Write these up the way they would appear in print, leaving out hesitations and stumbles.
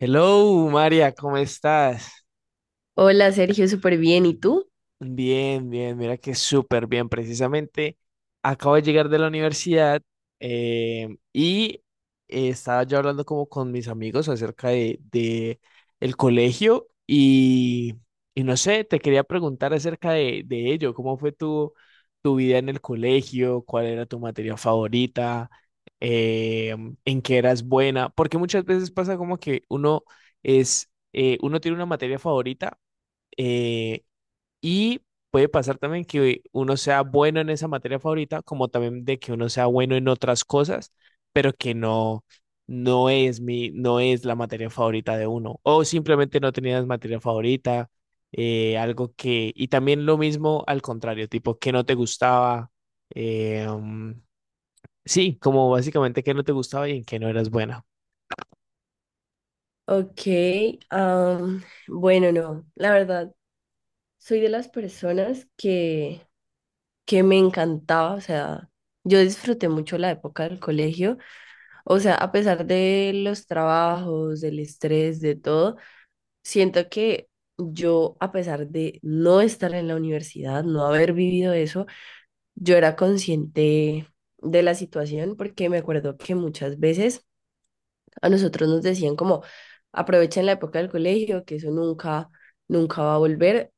Hello, María, ¿cómo estás? Hola Sergio, súper bien. ¿Y tú? Bien, bien, mira que súper bien. Precisamente acabo de llegar de la universidad, y estaba yo hablando como con mis amigos acerca de el colegio, y no sé, te quería preguntar acerca de ello. ¿Cómo fue tu vida en el colegio? ¿Cuál era tu materia favorita? Eh, ¿En qué eras buena? Porque muchas veces pasa como que uno uno tiene una materia favorita. eh, y puede pasar también que uno sea bueno en esa materia favorita, como también de que uno sea bueno en otras cosas, pero que no, no es no es la materia favorita de uno. O simplemente no tenías materia favorita, algo que, y también lo mismo al contrario, tipo que no te gustaba, eh, um, sí, como básicamente que no te gustaba y en que no eras buena. Ok, am, bueno, no, la verdad, soy de las personas que me encantaba, o sea, yo disfruté mucho la época del colegio, o sea, a pesar de los trabajos, del estrés, de todo, siento que yo, a pesar de no estar en la universidad, no haber vivido eso, yo era consciente de la situación porque me acuerdo que muchas veces. A nosotros nos decían como, aprovechen la época del colegio, que eso nunca, nunca va a volver.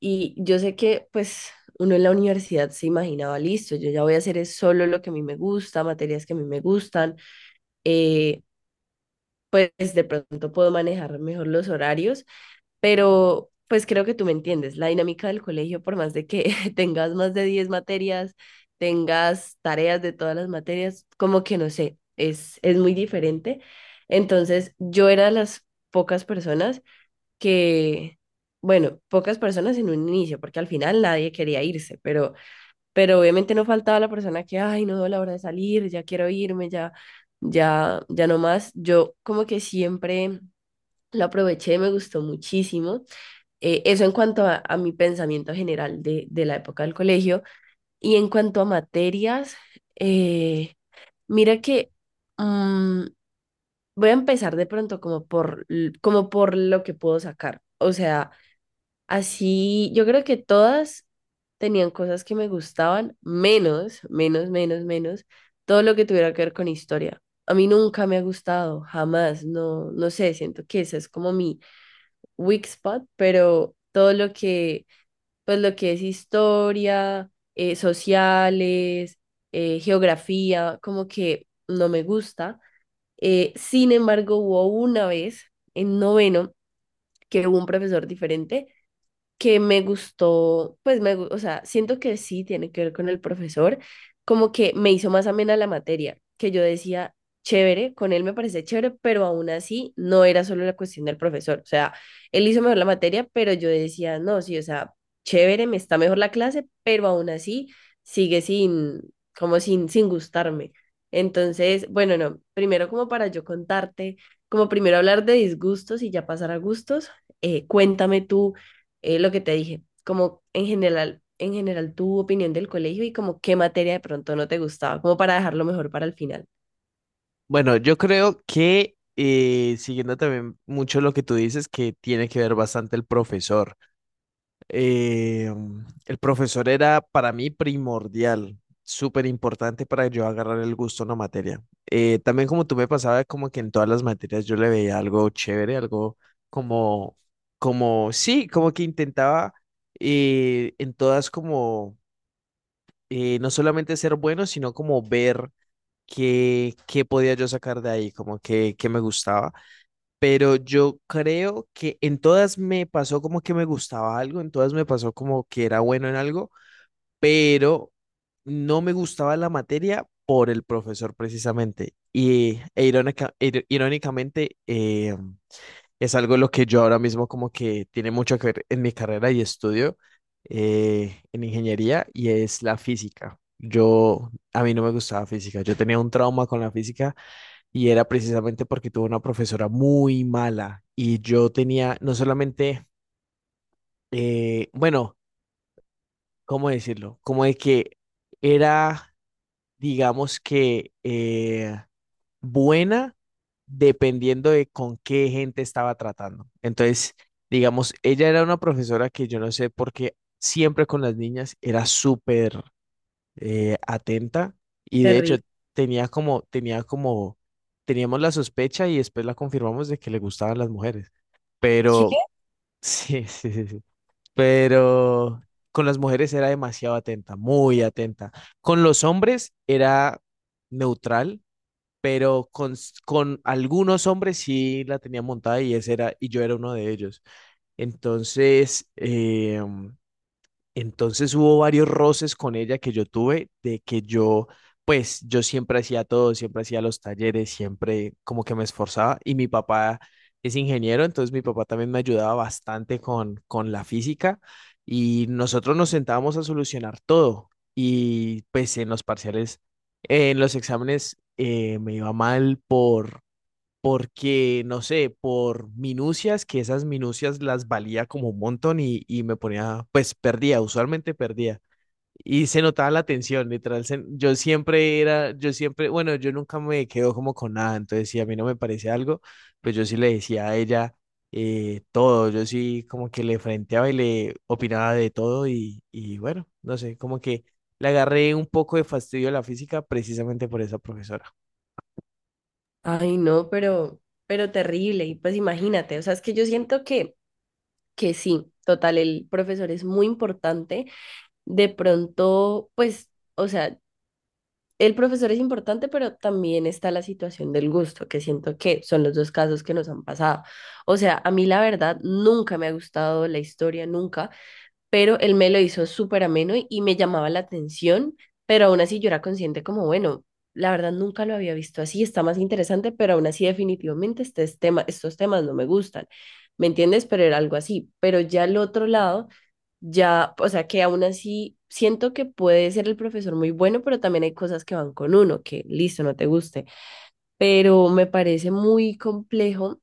Y yo sé que pues uno en la universidad se imaginaba, listo, yo ya voy a hacer es solo lo que a mí me gusta, materias que a mí me gustan, eh, pues de pronto puedo manejar mejor los horarios, pero pues creo que tú me entiendes, la dinámica del colegio, por más de que tengas más de 10 materias, tengas tareas de todas las materias, como que no sé, es muy diferente. Entonces, yo era de las pocas personas que, bueno, pocas personas en un inicio, porque al final nadie quería irse, pero obviamente no faltaba la persona que, ay, no veo la hora de salir, ya quiero irme, ya, ya no más. Yo como que siempre lo aproveché, me gustó muchísimo eso en cuanto a mi pensamiento general de la época del colegio. Y en cuanto a materias, eh, mira que mm, voy a empezar de pronto como por, como por lo que puedo sacar. O sea, así yo creo que todas tenían cosas que me gustaban, menos, menos, menos, menos, todo lo que tuviera que ver con historia. A mí nunca me ha gustado, jamás, no, no sé, siento que esa es como mi weak spot, pero todo lo que pues lo que es historia, sociales, geografía, como que no me gusta. Sin embargo, hubo una vez en noveno que hubo un profesor diferente que me gustó, pues o sea, siento que sí tiene que ver con el profesor, como que me hizo más amena la materia, que yo decía, chévere, con él me parece chévere, pero aún así no era solo la cuestión del profesor, o sea, él hizo mejor la materia, pero yo decía, no, sí, o sea, chévere, me está mejor la clase, pero aún así sigue sin, como sin, sin gustarme. Entonces, bueno, no, primero como para yo contarte, como primero hablar de disgustos y ya pasar a gustos, cuéntame tú lo que te dije, como en general tu opinión del colegio y como qué materia de pronto no te gustaba, como para dejarlo mejor para el final. Bueno, yo creo que siguiendo también mucho lo que tú dices, que tiene que ver bastante el profesor. Eh, el profesor era para mí primordial, súper importante para yo agarrar el gusto a una materia. También como tú me pasaba, como que en todas las materias yo le veía algo chévere, como, sí, como que intentaba en todas no solamente ser bueno, sino como ver qué podía yo sacar de ahí, como que, qué me gustaba, pero yo creo que en todas me pasó como que me gustaba algo, en todas me pasó como que era bueno en algo, pero no me gustaba la materia por el profesor precisamente. Y irónicamente, es algo lo que yo ahora mismo como que tiene mucho que ver en mi carrera y estudio en ingeniería y es la física. Yo, a mí no me gustaba física, yo tenía un trauma con la física y era precisamente porque tuve una profesora muy mala y yo tenía no solamente, bueno, ¿cómo decirlo? Como de que era, digamos que buena dependiendo de con qué gente estaba tratando. Entonces, digamos, ella era una profesora que yo no sé por qué siempre con las niñas era súper atenta, y de hecho Terrible. tenía como, tenía como, teníamos la sospecha y después la confirmamos de que le gustaban las mujeres. Sí. Pero sí, sí, sí, sí, pero con las mujeres era demasiado atenta, muy atenta. Con los hombres era neutral, pero con algunos hombres sí la tenía montada y ese era, y yo era uno de ellos. Entonces, entonces hubo varios roces con ella que yo tuve de que yo, pues yo siempre hacía todo, siempre hacía los talleres, siempre como que me esforzaba y mi papá es ingeniero, entonces mi papá también me ayudaba bastante con la física y nosotros nos sentábamos a solucionar todo, y pues en los parciales, en los exámenes me iba mal porque, no sé, por minucias, que esas minucias las valía como un montón, y me ponía, pues perdía, usualmente perdía. Y se notaba la tensión, literal. Yo siempre era, yo siempre, bueno, yo nunca me quedo como con nada. Entonces, si a mí no me parece algo, pues yo sí le decía a ella todo. Yo sí como que le frenteaba y le opinaba de todo. Y bueno, no sé, como que le agarré un poco de fastidio a la física precisamente por esa profesora. Ay, no, pero terrible. Y pues imagínate, o sea, es que yo siento que sí, total, el profesor es muy importante. De pronto, pues, o sea, el profesor es importante, pero también está la situación del gusto, que siento que son los dos casos que nos han pasado. O sea, a mí la verdad nunca me ha gustado la historia, nunca. Pero él me lo hizo súper ameno y me llamaba la atención, pero aún así yo era consciente como, bueno, la verdad nunca lo había visto así, está más interesante, pero aún así definitivamente este es tema, estos temas no me gustan, ¿me entiendes? Pero era algo así, pero ya al otro lado, ya, o sea que aún así siento que puede ser el profesor muy bueno, pero también hay cosas que van con uno, que listo, no te guste, pero me parece muy complejo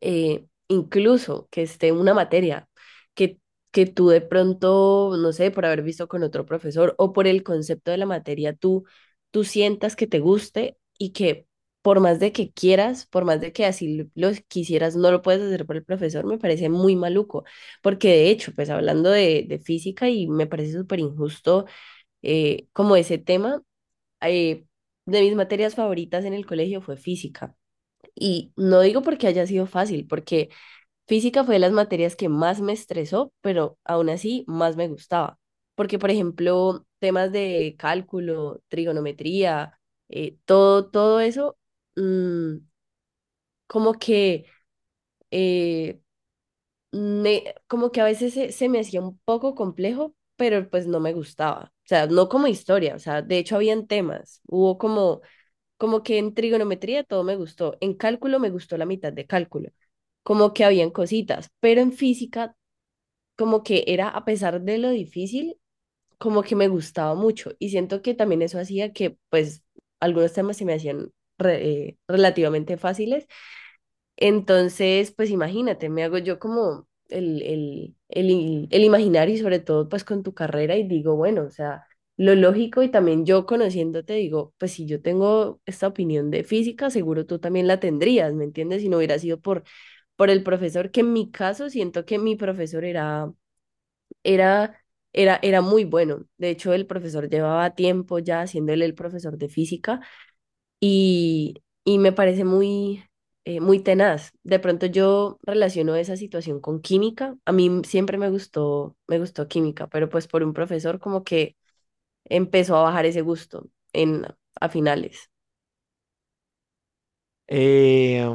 incluso que esté una materia que, que tú de pronto, no sé, por haber visto con otro profesor o por el concepto de la materia, tú sientas que te guste y que por más de que quieras, por más de que así lo quisieras, no lo puedes hacer por el profesor, me parece muy maluco, porque de hecho, pues hablando de física y me parece súper injusto como ese tema, eh, de mis materias favoritas en el colegio fue física. Y no digo porque haya sido fácil, porque física fue de las materias que más me estresó, pero aún así más me gustaba, porque por ejemplo, temas de cálculo, trigonometría, todo, todo eso, mm, como que, eh, como que a veces se me hacía un poco complejo, pero pues no me gustaba. O sea, no como historia, o sea, de hecho habían temas, hubo como, como que en trigonometría todo me gustó, en cálculo me gustó la mitad de cálculo como que habían cositas, pero en física como que era, a pesar de lo difícil, como que me gustaba mucho. Y siento que también eso hacía que, pues, algunos temas se me hacían relativamente fáciles. Entonces, pues, imagínate, me hago yo como el imaginario y sobre todo, pues, con tu carrera y digo, bueno, o sea. Lo lógico y también yo conociéndote digo, pues si yo tengo esta opinión de física, seguro tú también la tendrías, ¿me entiendes? Si no hubiera sido por el profesor, que en mi caso siento que mi profesor era, era muy bueno. De hecho, el profesor llevaba tiempo ya haciéndole el profesor de física y, y me parece muy, muy tenaz. De pronto yo relaciono esa situación con química. A mí siempre me gustó química, pero pues por un profesor como que empezó a bajar ese gusto en, a finales. Eh,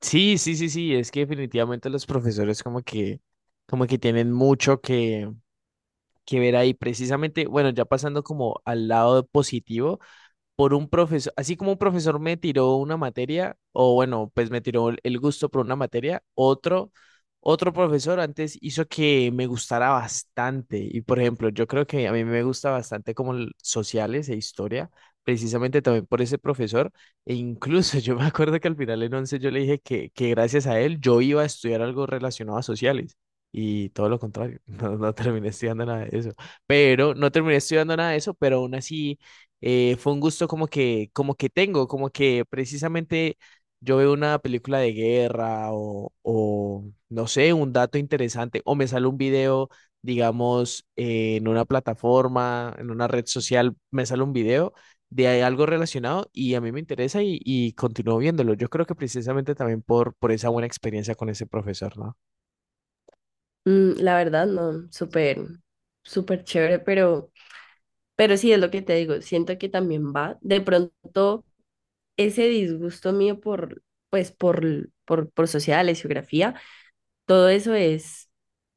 sí, sí, sí, sí, es que definitivamente los profesores como que tienen que ver ahí. Precisamente, bueno, ya pasando como al lado positivo, por un profesor, así como un profesor me tiró una materia, o bueno, pues me tiró el gusto por una materia, otro profesor antes hizo que me gustara bastante. Y por ejemplo, yo creo que a mí me gusta bastante sociales e historia, precisamente también por ese profesor. E incluso yo me acuerdo que al final en 11 yo le dije que gracias a él yo iba a estudiar algo relacionado a sociales. Y todo lo contrario, no, no terminé estudiando nada de eso. Pero no terminé estudiando nada de eso, pero aún así, fue un gusto como que tengo, como que precisamente yo veo una película de guerra, o no sé, un dato interesante o me sale un video, digamos, en una plataforma, en una red social, me sale un video de ahí algo relacionado y a mí me interesa, y continúo viéndolo. Yo creo que precisamente también por esa buena experiencia con ese profesor, ¿no? Mm, la verdad, no, súper, súper chévere, pero sí es lo que te digo. Siento que también va. De pronto ese disgusto mío por, pues, por sociales, geografía, todo eso es,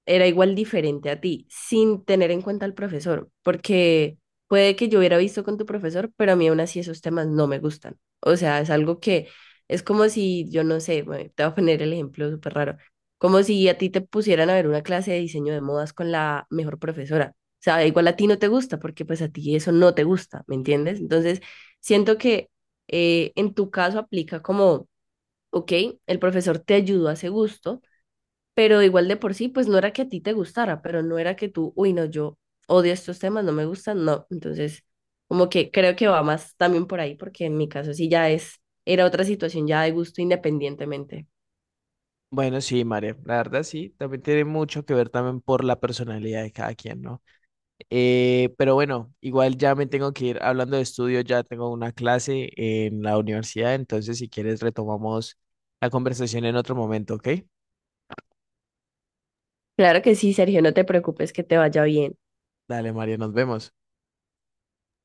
era igual diferente a ti, sin tener en cuenta al profesor, porque puede que yo hubiera visto con tu profesor, pero a mí aún así esos temas no me gustan. O sea, es algo que es como si, yo no sé, bueno, te voy a poner el ejemplo súper raro, como si a ti te pusieran a ver una clase de diseño de modas con la mejor profesora. O sea, igual a ti no te gusta, porque pues a ti eso no te gusta, ¿me entiendes? Entonces, siento que en tu caso aplica como, ok, el profesor te ayudó a ese gusto pero igual de por sí, pues no era que a ti te gustara, pero no era que tú, uy, no, yo odio estos temas, no me gustan, no. Entonces, como que creo que va más también por ahí, porque en mi caso sí ya era otra situación ya de gusto independientemente. Bueno, sí, María, la verdad sí, también tiene mucho que ver también por la personalidad de cada quien, ¿no? Pero bueno, igual ya me tengo que ir hablando de estudio, ya tengo una clase en la universidad, entonces si quieres retomamos la conversación en otro momento, ¿ok? Claro que sí, Sergio, no te preocupes que te vaya bien. Dale, María, nos vemos.